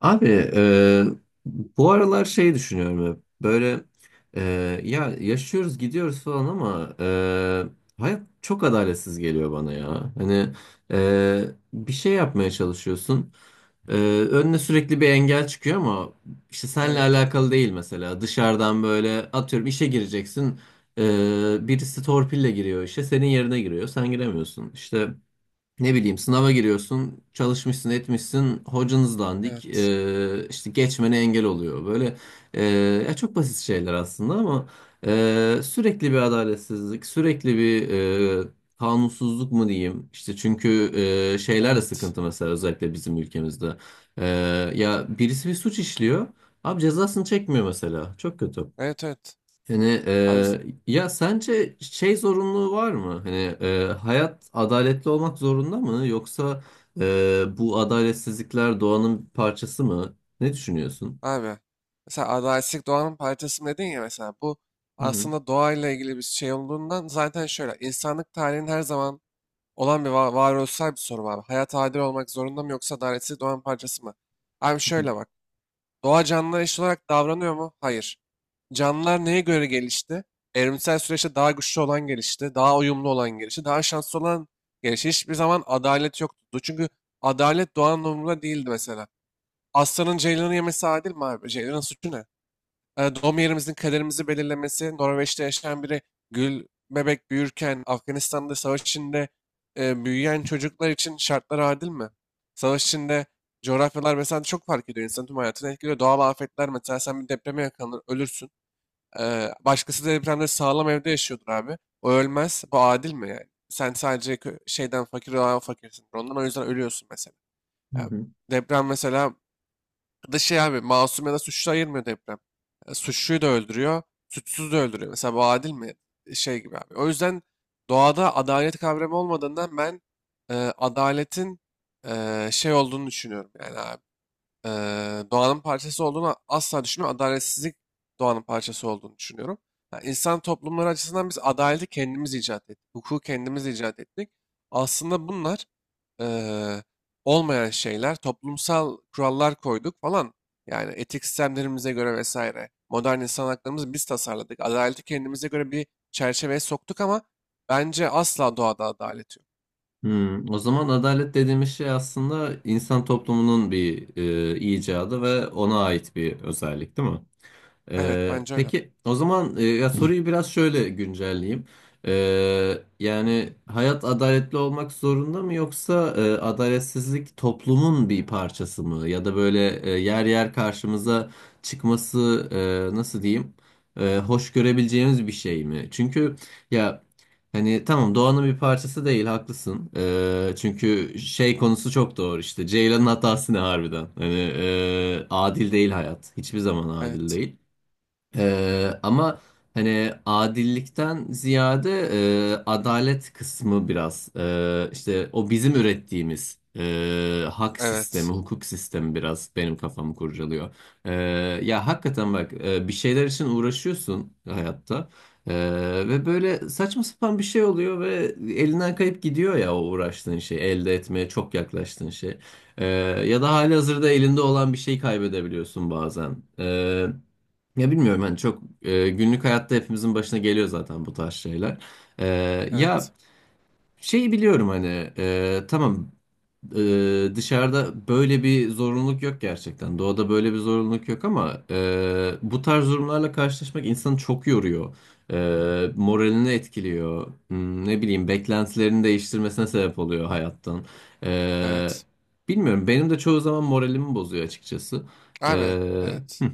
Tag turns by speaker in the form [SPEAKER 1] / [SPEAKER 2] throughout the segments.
[SPEAKER 1] Abi, e, bu aralar şey düşünüyorum hep. Böyle e, ya yaşıyoruz gidiyoruz falan ama hayat çok adaletsiz geliyor bana ya. Hani e, bir şey yapmaya çalışıyorsun. E, Önüne sürekli bir engel çıkıyor ama işte seninle
[SPEAKER 2] Evet,
[SPEAKER 1] alakalı değil mesela. Dışarıdan böyle atıyorum işe gireceksin. Birisi torpille giriyor işe senin yerine giriyor sen giremiyorsun. İşte ne bileyim sınava giriyorsun, çalışmışsın, etmişsin, hocanız dandik,
[SPEAKER 2] evet,
[SPEAKER 1] işte geçmene engel oluyor. Böyle eee, ya çok basit şeyler aslında ama sürekli bir adaletsizlik, sürekli bir kanunsuzluk mu diyeyim? İşte çünkü şeyler de
[SPEAKER 2] evet.
[SPEAKER 1] sıkıntı mesela özellikle bizim ülkemizde. Eee, Ya birisi bir suç işliyor, abi cezasını çekmiyor mesela. Çok kötü.
[SPEAKER 2] Evet, evet.
[SPEAKER 1] Hani
[SPEAKER 2] Abi,
[SPEAKER 1] ya sence şey zorunluluğu var mı? Hani hayat adaletli olmak zorunda mı? Yoksa bu adaletsizlikler doğanın bir parçası mı? Ne düşünüyorsun?
[SPEAKER 2] abi. Mesela adaletlik doğanın parçası dedin ya mesela bu
[SPEAKER 1] Hı hı,
[SPEAKER 2] aslında doğayla ilgili bir şey olduğundan zaten şöyle insanlık tarihinin her zaman olan bir varoluşsal bir soru var. Hayat adil olmak zorunda mı yoksa adaletsizlik doğanın parçası mı? Abi
[SPEAKER 1] hı
[SPEAKER 2] şöyle bak. Doğa canlılar eşit olarak davranıyor mu? Hayır. Canlılar neye göre gelişti? Evrimsel süreçte daha güçlü olan gelişti, daha uyumlu olan gelişti, daha şanslı olan gelişti. Hiçbir zaman adalet yoktu. Çünkü adalet doğanın umurunda değildi mesela. Aslanın ceylanı yemesi adil mi abi? Ceylanın suçu ne? Doğum yerimizin kaderimizi belirlemesi, Norveç'te yaşayan biri gül bebek büyürken, Afganistan'da savaş içinde büyüyen çocuklar için şartlar adil mi? Savaş içinde coğrafyalar mesela çok fark ediyor. İnsanın tüm hayatını etkiliyor. Doğal afetler mesela sen bir depreme yakalanır, ölürsün. Başkası depremde sağlam evde yaşıyordur abi. O ölmez. Bu adil mi yani? Sen sadece şeyden fakir olan fakirsin. Ondan o yüzden ölüyorsun mesela. Yani
[SPEAKER 1] hı.
[SPEAKER 2] deprem mesela da şey abi masum ya da suçlu ayırmıyor deprem. Yani suçluyu da öldürüyor. Suçsuzu da öldürüyor. Mesela bu adil mi? Şey gibi abi. O yüzden doğada adalet kavramı olmadığından ben adaletin şey olduğunu düşünüyorum yani abi doğanın parçası olduğunu asla düşünmüyorum. Adaletsizlik doğanın parçası olduğunu düşünüyorum. Yani insan toplumları açısından biz adaleti kendimiz icat ettik. Hukuku kendimiz icat ettik. Aslında bunlar eee, olmayan şeyler. Toplumsal kurallar koyduk falan. Yani etik sistemlerimize göre vesaire. Modern insan haklarımızı biz tasarladık. Adaleti kendimize göre bir çerçeveye soktuk ama bence asla doğada adalet yok.
[SPEAKER 1] O zaman adalet dediğimiz şey aslında insan toplumunun bir icadı ve ona ait bir özellik, değil mi?
[SPEAKER 2] Evet bence öyle.
[SPEAKER 1] Peki o zaman ya soruyu biraz şöyle güncelleyeyim. Yani hayat adaletli olmak zorunda mı yoksa adaletsizlik toplumun bir parçası mı? Ya da böyle yer yer karşımıza çıkması nasıl diyeyim, hoş görebileceğimiz bir şey mi? Çünkü ya hani tamam, doğanın bir parçası değil, haklısın. Çünkü şey konusu çok doğru, işte Ceylan'ın hatası ne harbiden? Hani adil değil hayat, hiçbir zaman adil
[SPEAKER 2] Evet.
[SPEAKER 1] değil. Ama hani adillikten ziyade adalet kısmı biraz işte o bizim ürettiğimiz hak sistemi,
[SPEAKER 2] Evet.
[SPEAKER 1] hukuk sistemi biraz benim kafamı kurcalıyor. E, Ya hakikaten bak, bir şeyler için uğraşıyorsun hayatta E, Ve böyle saçma sapan bir şey oluyor ve elinden kayıp gidiyor ya o uğraştığın şey, elde etmeye çok yaklaştığın şey. E, Ya da halihazırda elinde olan bir şey kaybedebiliyorsun bazen. Ya bilmiyorum, hani çok günlük hayatta hepimizin başına geliyor zaten bu tarz şeyler. E, Ya
[SPEAKER 2] Evet.
[SPEAKER 1] şeyi biliyorum, hani tamam, dışarıda böyle bir zorunluluk yok gerçekten. Doğada böyle bir zorunluluk yok ama bu tarz durumlarla karşılaşmak insanı çok yoruyor. Moralini etkiliyor. Ne bileyim beklentilerini değiştirmesine sebep oluyor hayattan. E,
[SPEAKER 2] Evet.
[SPEAKER 1] Bilmiyorum, benim de çoğu zaman moralimi bozuyor açıkçası.
[SPEAKER 2] Abi
[SPEAKER 1] E,
[SPEAKER 2] evet.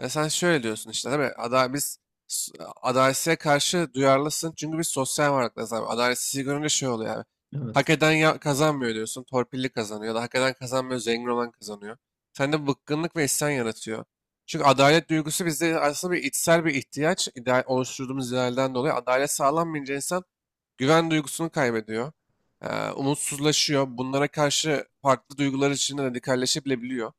[SPEAKER 2] Ya sen şöyle diyorsun işte değil mi? Biz s- adaletsizliğe karşı duyarlısın. Çünkü biz sosyal varlıklarız abi. Adaletsizliği görünce şey oluyor abi. Hak
[SPEAKER 1] evet.
[SPEAKER 2] eden kazanmıyor diyorsun. Torpilli kazanıyor. Ya da hak eden kazanmıyor. Zengin olan kazanıyor. Sende bıkkınlık ve isyan yaratıyor. Çünkü adalet duygusu bizde aslında bir içsel bir ihtiyaç. İdeal, oluşturduğumuz idealden dolayı adalet sağlanmayınca insan güven duygusunu kaybediyor. Umutsuzlaşıyor. Bunlara karşı farklı duygular içinde radikalleşebilebiliyor.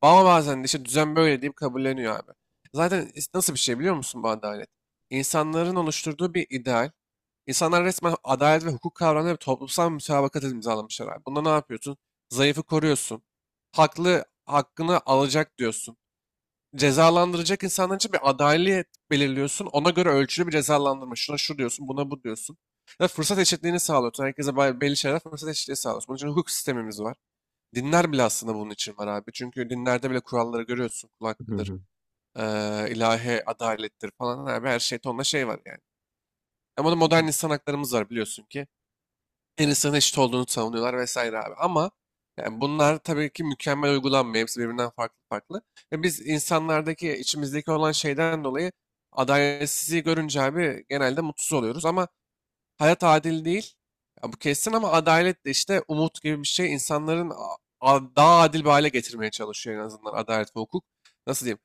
[SPEAKER 2] Ama bazen de işte düzen böyle deyip kabulleniyor abi. Zaten nasıl bir şey biliyor musun bu adalet? İnsanların oluşturduğu bir ideal. İnsanlar resmen adalet ve hukuk kavramları bir toplumsal mütabakat imzalamışlar abi. Bunda ne yapıyorsun? Zayıfı koruyorsun. Haklı hakkını alacak diyorsun. Cezalandıracak insanlar için bir adalet belirliyorsun. Ona göre ölçülü bir cezalandırma. Şuna şu diyorsun, buna bu diyorsun. Ve fırsat eşitliğini sağlıyorsun. Herkese belli şeyler fırsat eşitliği sağlıyorsun. Bunun için hukuk sistemimiz var. Dinler bile aslında bunun için var abi. Çünkü dinlerde bile kuralları görüyorsun. Kul hakkıdır, ilahi adalettir falan abi. Her şey tonla şey var yani. Ama da modern insan haklarımız var biliyorsun ki. Her insanın eşit olduğunu savunuyorlar vesaire abi. Ama yani bunlar tabii ki mükemmel uygulanmıyor. Hepsi birbirinden farklı farklı. Ve biz insanlardaki, içimizdeki olan şeyden dolayı adaletsizliği görünce abi genelde mutsuz oluyoruz. Ama hayat adil değil. Ya bu kesin ama adalet de işte umut gibi bir şey insanların daha adil bir hale getirmeye çalışıyor en azından adalet ve hukuk. Nasıl diyeyim?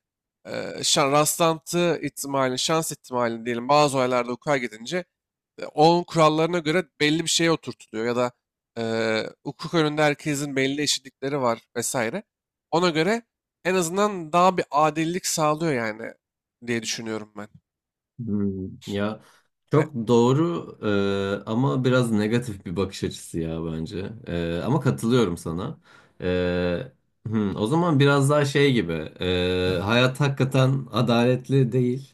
[SPEAKER 2] Şan, rastlantı ihtimalini, şans ihtimalini diyelim bazı olaylarda hukuka gidince onun kurallarına göre belli bir şeye oturtuluyor ya da e, hukuk önünde herkesin belli eşitlikleri var vesaire. Ona göre en azından daha bir adillik sağlıyor yani diye düşünüyorum ben.
[SPEAKER 1] Ya
[SPEAKER 2] Ve-
[SPEAKER 1] çok doğru, ama biraz negatif bir bakış açısı ya bence. Ama katılıyorum sana. E, O zaman biraz daha şey gibi, hayat hakikaten adaletli değil.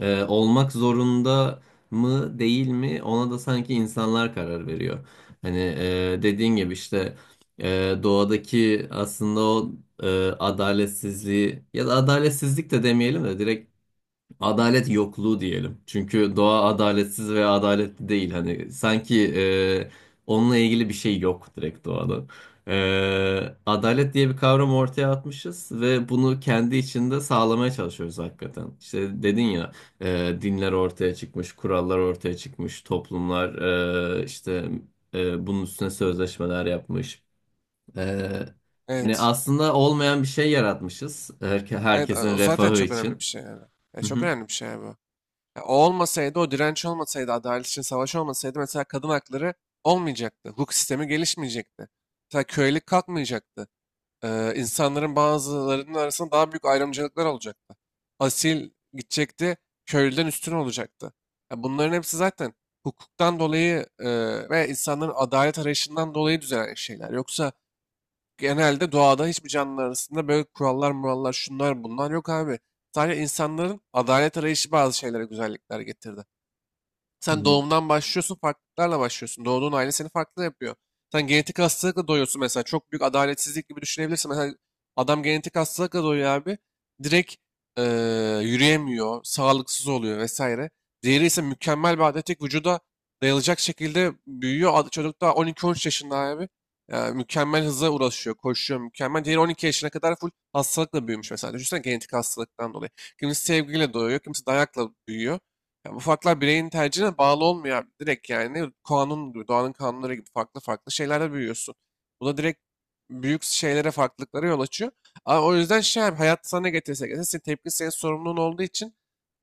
[SPEAKER 1] Olmak zorunda mı değil mi, ona da sanki insanlar karar veriyor. Hani dediğin gibi işte doğadaki aslında o adaletsizliği, ya da adaletsizlik de demeyelim de direkt adalet yokluğu diyelim. Çünkü doğa adaletsiz veya adaletli değil. Hani sanki onunla ilgili bir şey yok direkt doğada. Adalet diye bir kavram ortaya atmışız ve bunu kendi içinde sağlamaya çalışıyoruz hakikaten. İşte dedin ya, dinler ortaya çıkmış, kurallar ortaya çıkmış, toplumlar işte bunun üstüne sözleşmeler yapmış. E, Hani
[SPEAKER 2] Evet.
[SPEAKER 1] aslında olmayan bir şey yaratmışız. Herke-
[SPEAKER 2] Evet
[SPEAKER 1] herkesin
[SPEAKER 2] o zaten
[SPEAKER 1] refahı
[SPEAKER 2] çok önemli bir
[SPEAKER 1] için.
[SPEAKER 2] şey yani. Ya
[SPEAKER 1] Hı
[SPEAKER 2] çok önemli bir şey yani bu. Ya o olmasaydı, o direnç olmasaydı, adalet için savaş olmasaydı mesela kadın hakları olmayacaktı. Hukuk sistemi gelişmeyecekti. Mesela kölelik kalkmayacaktı. İnsanların bazılarının arasında daha büyük ayrımcılıklar olacaktı. Asil gidecekti, köylüden üstün olacaktı. Ya bunların hepsi zaten hukuktan dolayı ve insanların adalet arayışından dolayı düzelen şeyler. Yoksa genelde doğada hiçbir canlı arasında böyle kurallar murallar şunlar bunlar yok abi. Sadece insanların adalet arayışı bazı şeylere güzellikler getirdi. Sen
[SPEAKER 1] hı.
[SPEAKER 2] doğumdan başlıyorsun, farklılıklarla başlıyorsun. Doğduğun aile seni farklı yapıyor. Sen genetik hastalıkla doğuyorsun mesela. Çok büyük adaletsizlik gibi düşünebilirsin. Mesela adam genetik hastalıkla doğuyor abi. Direkt yürüyemiyor, sağlıksız oluyor vesaire. Diğeri ise mükemmel bir atletik vücuda dayanacak şekilde büyüyor. Çocuk daha 12-13 yaşında abi. Yani mükemmel hıza ulaşıyor, koşuyor mükemmel. Diğeri 12 yaşına kadar full hastalıkla büyümüş mesela. Düşünsene genetik hastalıktan dolayı. Kimisi sevgiyle doğuyor, kimisi dayakla büyüyor. Yani bu farklar bireyin tercihine bağlı olmuyor abi. Direkt yani kanun gibi, doğanın kanunları gibi farklı farklı şeylerle büyüyorsun. Bu da direkt büyük şeylere farklılıklara yol açıyor. Ama o yüzden şey abi, hayat sana ne getirirse getirsin senin tepki senin sorumluluğun olduğu için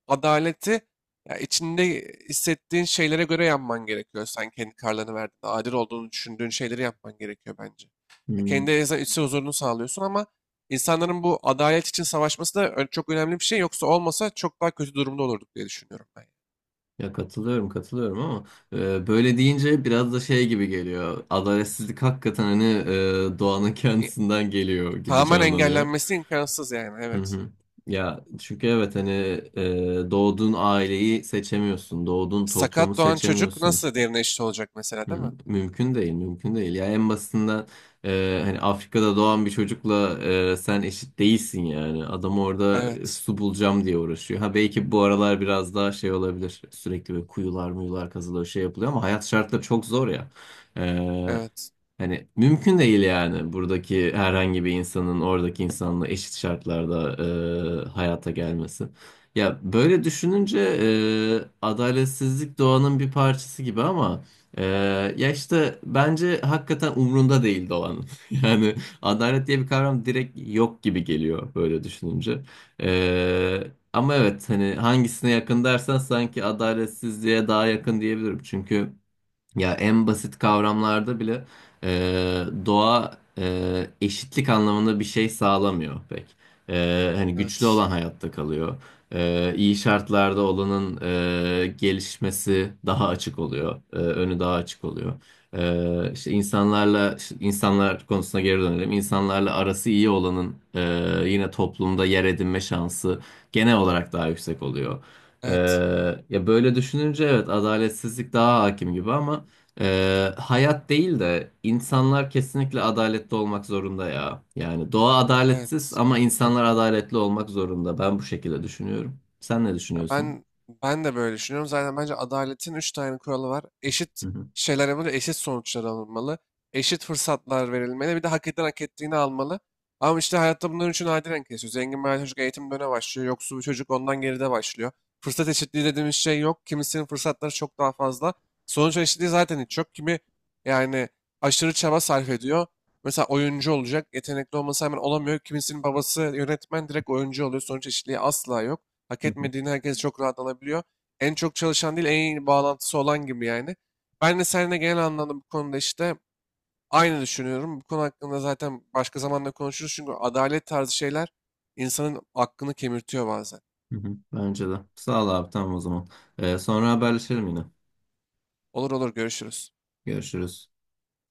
[SPEAKER 2] adaleti ya içinde hissettiğin şeylere göre yapman gerekiyor. Sen kendi kararlarını verdiğinde adil olduğunu düşündüğün şeyleri yapman gerekiyor bence. Ya
[SPEAKER 1] Hmm.
[SPEAKER 2] kendi içsel huzurunu sağlıyorsun ama insanların bu adalet için savaşması da çok önemli bir şey. Yoksa olmasa çok daha kötü durumda olurduk diye düşünüyorum ben.
[SPEAKER 1] Ya katılıyorum, katılıyorum ama böyle deyince biraz da şey gibi geliyor. Adaletsizlik hakikaten, hani doğanın
[SPEAKER 2] E,
[SPEAKER 1] kendisinden geliyor gibi
[SPEAKER 2] Tamamen
[SPEAKER 1] canlanıyor.
[SPEAKER 2] engellenmesi imkansız yani
[SPEAKER 1] Hı
[SPEAKER 2] evet.
[SPEAKER 1] hı. Ya çünkü evet, hani doğduğun aileyi seçemiyorsun, doğduğun toplumu
[SPEAKER 2] Sakat doğan çocuk
[SPEAKER 1] seçemiyorsun.
[SPEAKER 2] nasıl derine eşit olacak mesela değil mi?
[SPEAKER 1] Mümkün değil, mümkün değil. Yani en basitinden hani Afrika'da doğan bir çocukla sen eşit değilsin yani. Adam orada
[SPEAKER 2] Evet.
[SPEAKER 1] su bulacağım diye uğraşıyor. Ha, belki bu aralar biraz daha şey olabilir. Sürekli böyle kuyular muyular kazılıyor, şey yapılıyor ama hayat şartları çok zor ya.
[SPEAKER 2] Evet.
[SPEAKER 1] Hani mümkün değil yani buradaki herhangi bir insanın oradaki insanla eşit şartlarda hayata gelmesi. Ya böyle düşününce adaletsizlik doğanın bir parçası gibi ama e, ya işte bence hakikaten umrunda değil doğanın. Yani adalet diye bir kavram direkt yok gibi geliyor böyle düşününce. E, Ama evet, hani hangisine yakın dersen sanki adaletsizliğe daha yakın diyebilirim. Çünkü ya en basit kavramlarda bile doğa eşitlik anlamında bir şey sağlamıyor pek. Hani güçlü
[SPEAKER 2] Evet.
[SPEAKER 1] olan hayatta kalıyor. İyi şartlarda olanın gelişmesi daha açık oluyor. Önü daha açık oluyor. E, işte insanlarla işte insanlar konusuna geri dönelim. İnsanlarla arası iyi olanın yine toplumda yer edinme şansı genel olarak daha yüksek oluyor. E,
[SPEAKER 2] Evet.
[SPEAKER 1] Ya böyle düşününce evet, adaletsizlik daha hakim gibi ama. Hayat değil de insanlar kesinlikle adaletli olmak zorunda ya. Yani doğa adaletsiz
[SPEAKER 2] Evet.
[SPEAKER 1] ama insanlar adaletli olmak zorunda. Ben bu şekilde düşünüyorum. Sen ne
[SPEAKER 2] Ya
[SPEAKER 1] düşünüyorsun?
[SPEAKER 2] ben de böyle düşünüyorum. Zaten bence adaletin üç tane kuralı var. Eşit
[SPEAKER 1] Hı hı,
[SPEAKER 2] şeyler yapılmalı, eşit sonuçlar alınmalı, eşit fırsatlar verilmeli, bir de hak eden hak ettiğini almalı. Ama işte hayatta bunların üçü nadiren kesiyor. Zengin bir aile çocuk eğitim döneme başlıyor, yoksul bir çocuk ondan geride başlıyor. Fırsat eşitliği dediğimiz şey yok. Kimisinin fırsatları çok daha fazla. Sonuç eşitliği zaten hiç yok. Kimi yani aşırı çaba sarf ediyor. Mesela oyuncu olacak, yetenekli olması hemen olamıyor. Kimisinin babası yönetmen direkt oyuncu oluyor. Sonuç eşitliği asla yok. Hak
[SPEAKER 1] hı hı,
[SPEAKER 2] etmediğini herkes çok rahat alabiliyor. En çok çalışan değil, en iyi bağlantısı olan gibi yani. Ben de seninle genel anlamda bu konuda işte aynı düşünüyorum. Bu konu hakkında zaten başka zamanda konuşuruz. Çünkü adalet tarzı şeyler insanın aklını kemirtiyor bazen.
[SPEAKER 1] hı hı. Bence de. Sağ ol abi, tamam o zaman. Sonra haberleşelim yine.
[SPEAKER 2] Olur olur görüşürüz.
[SPEAKER 1] Görüşürüz.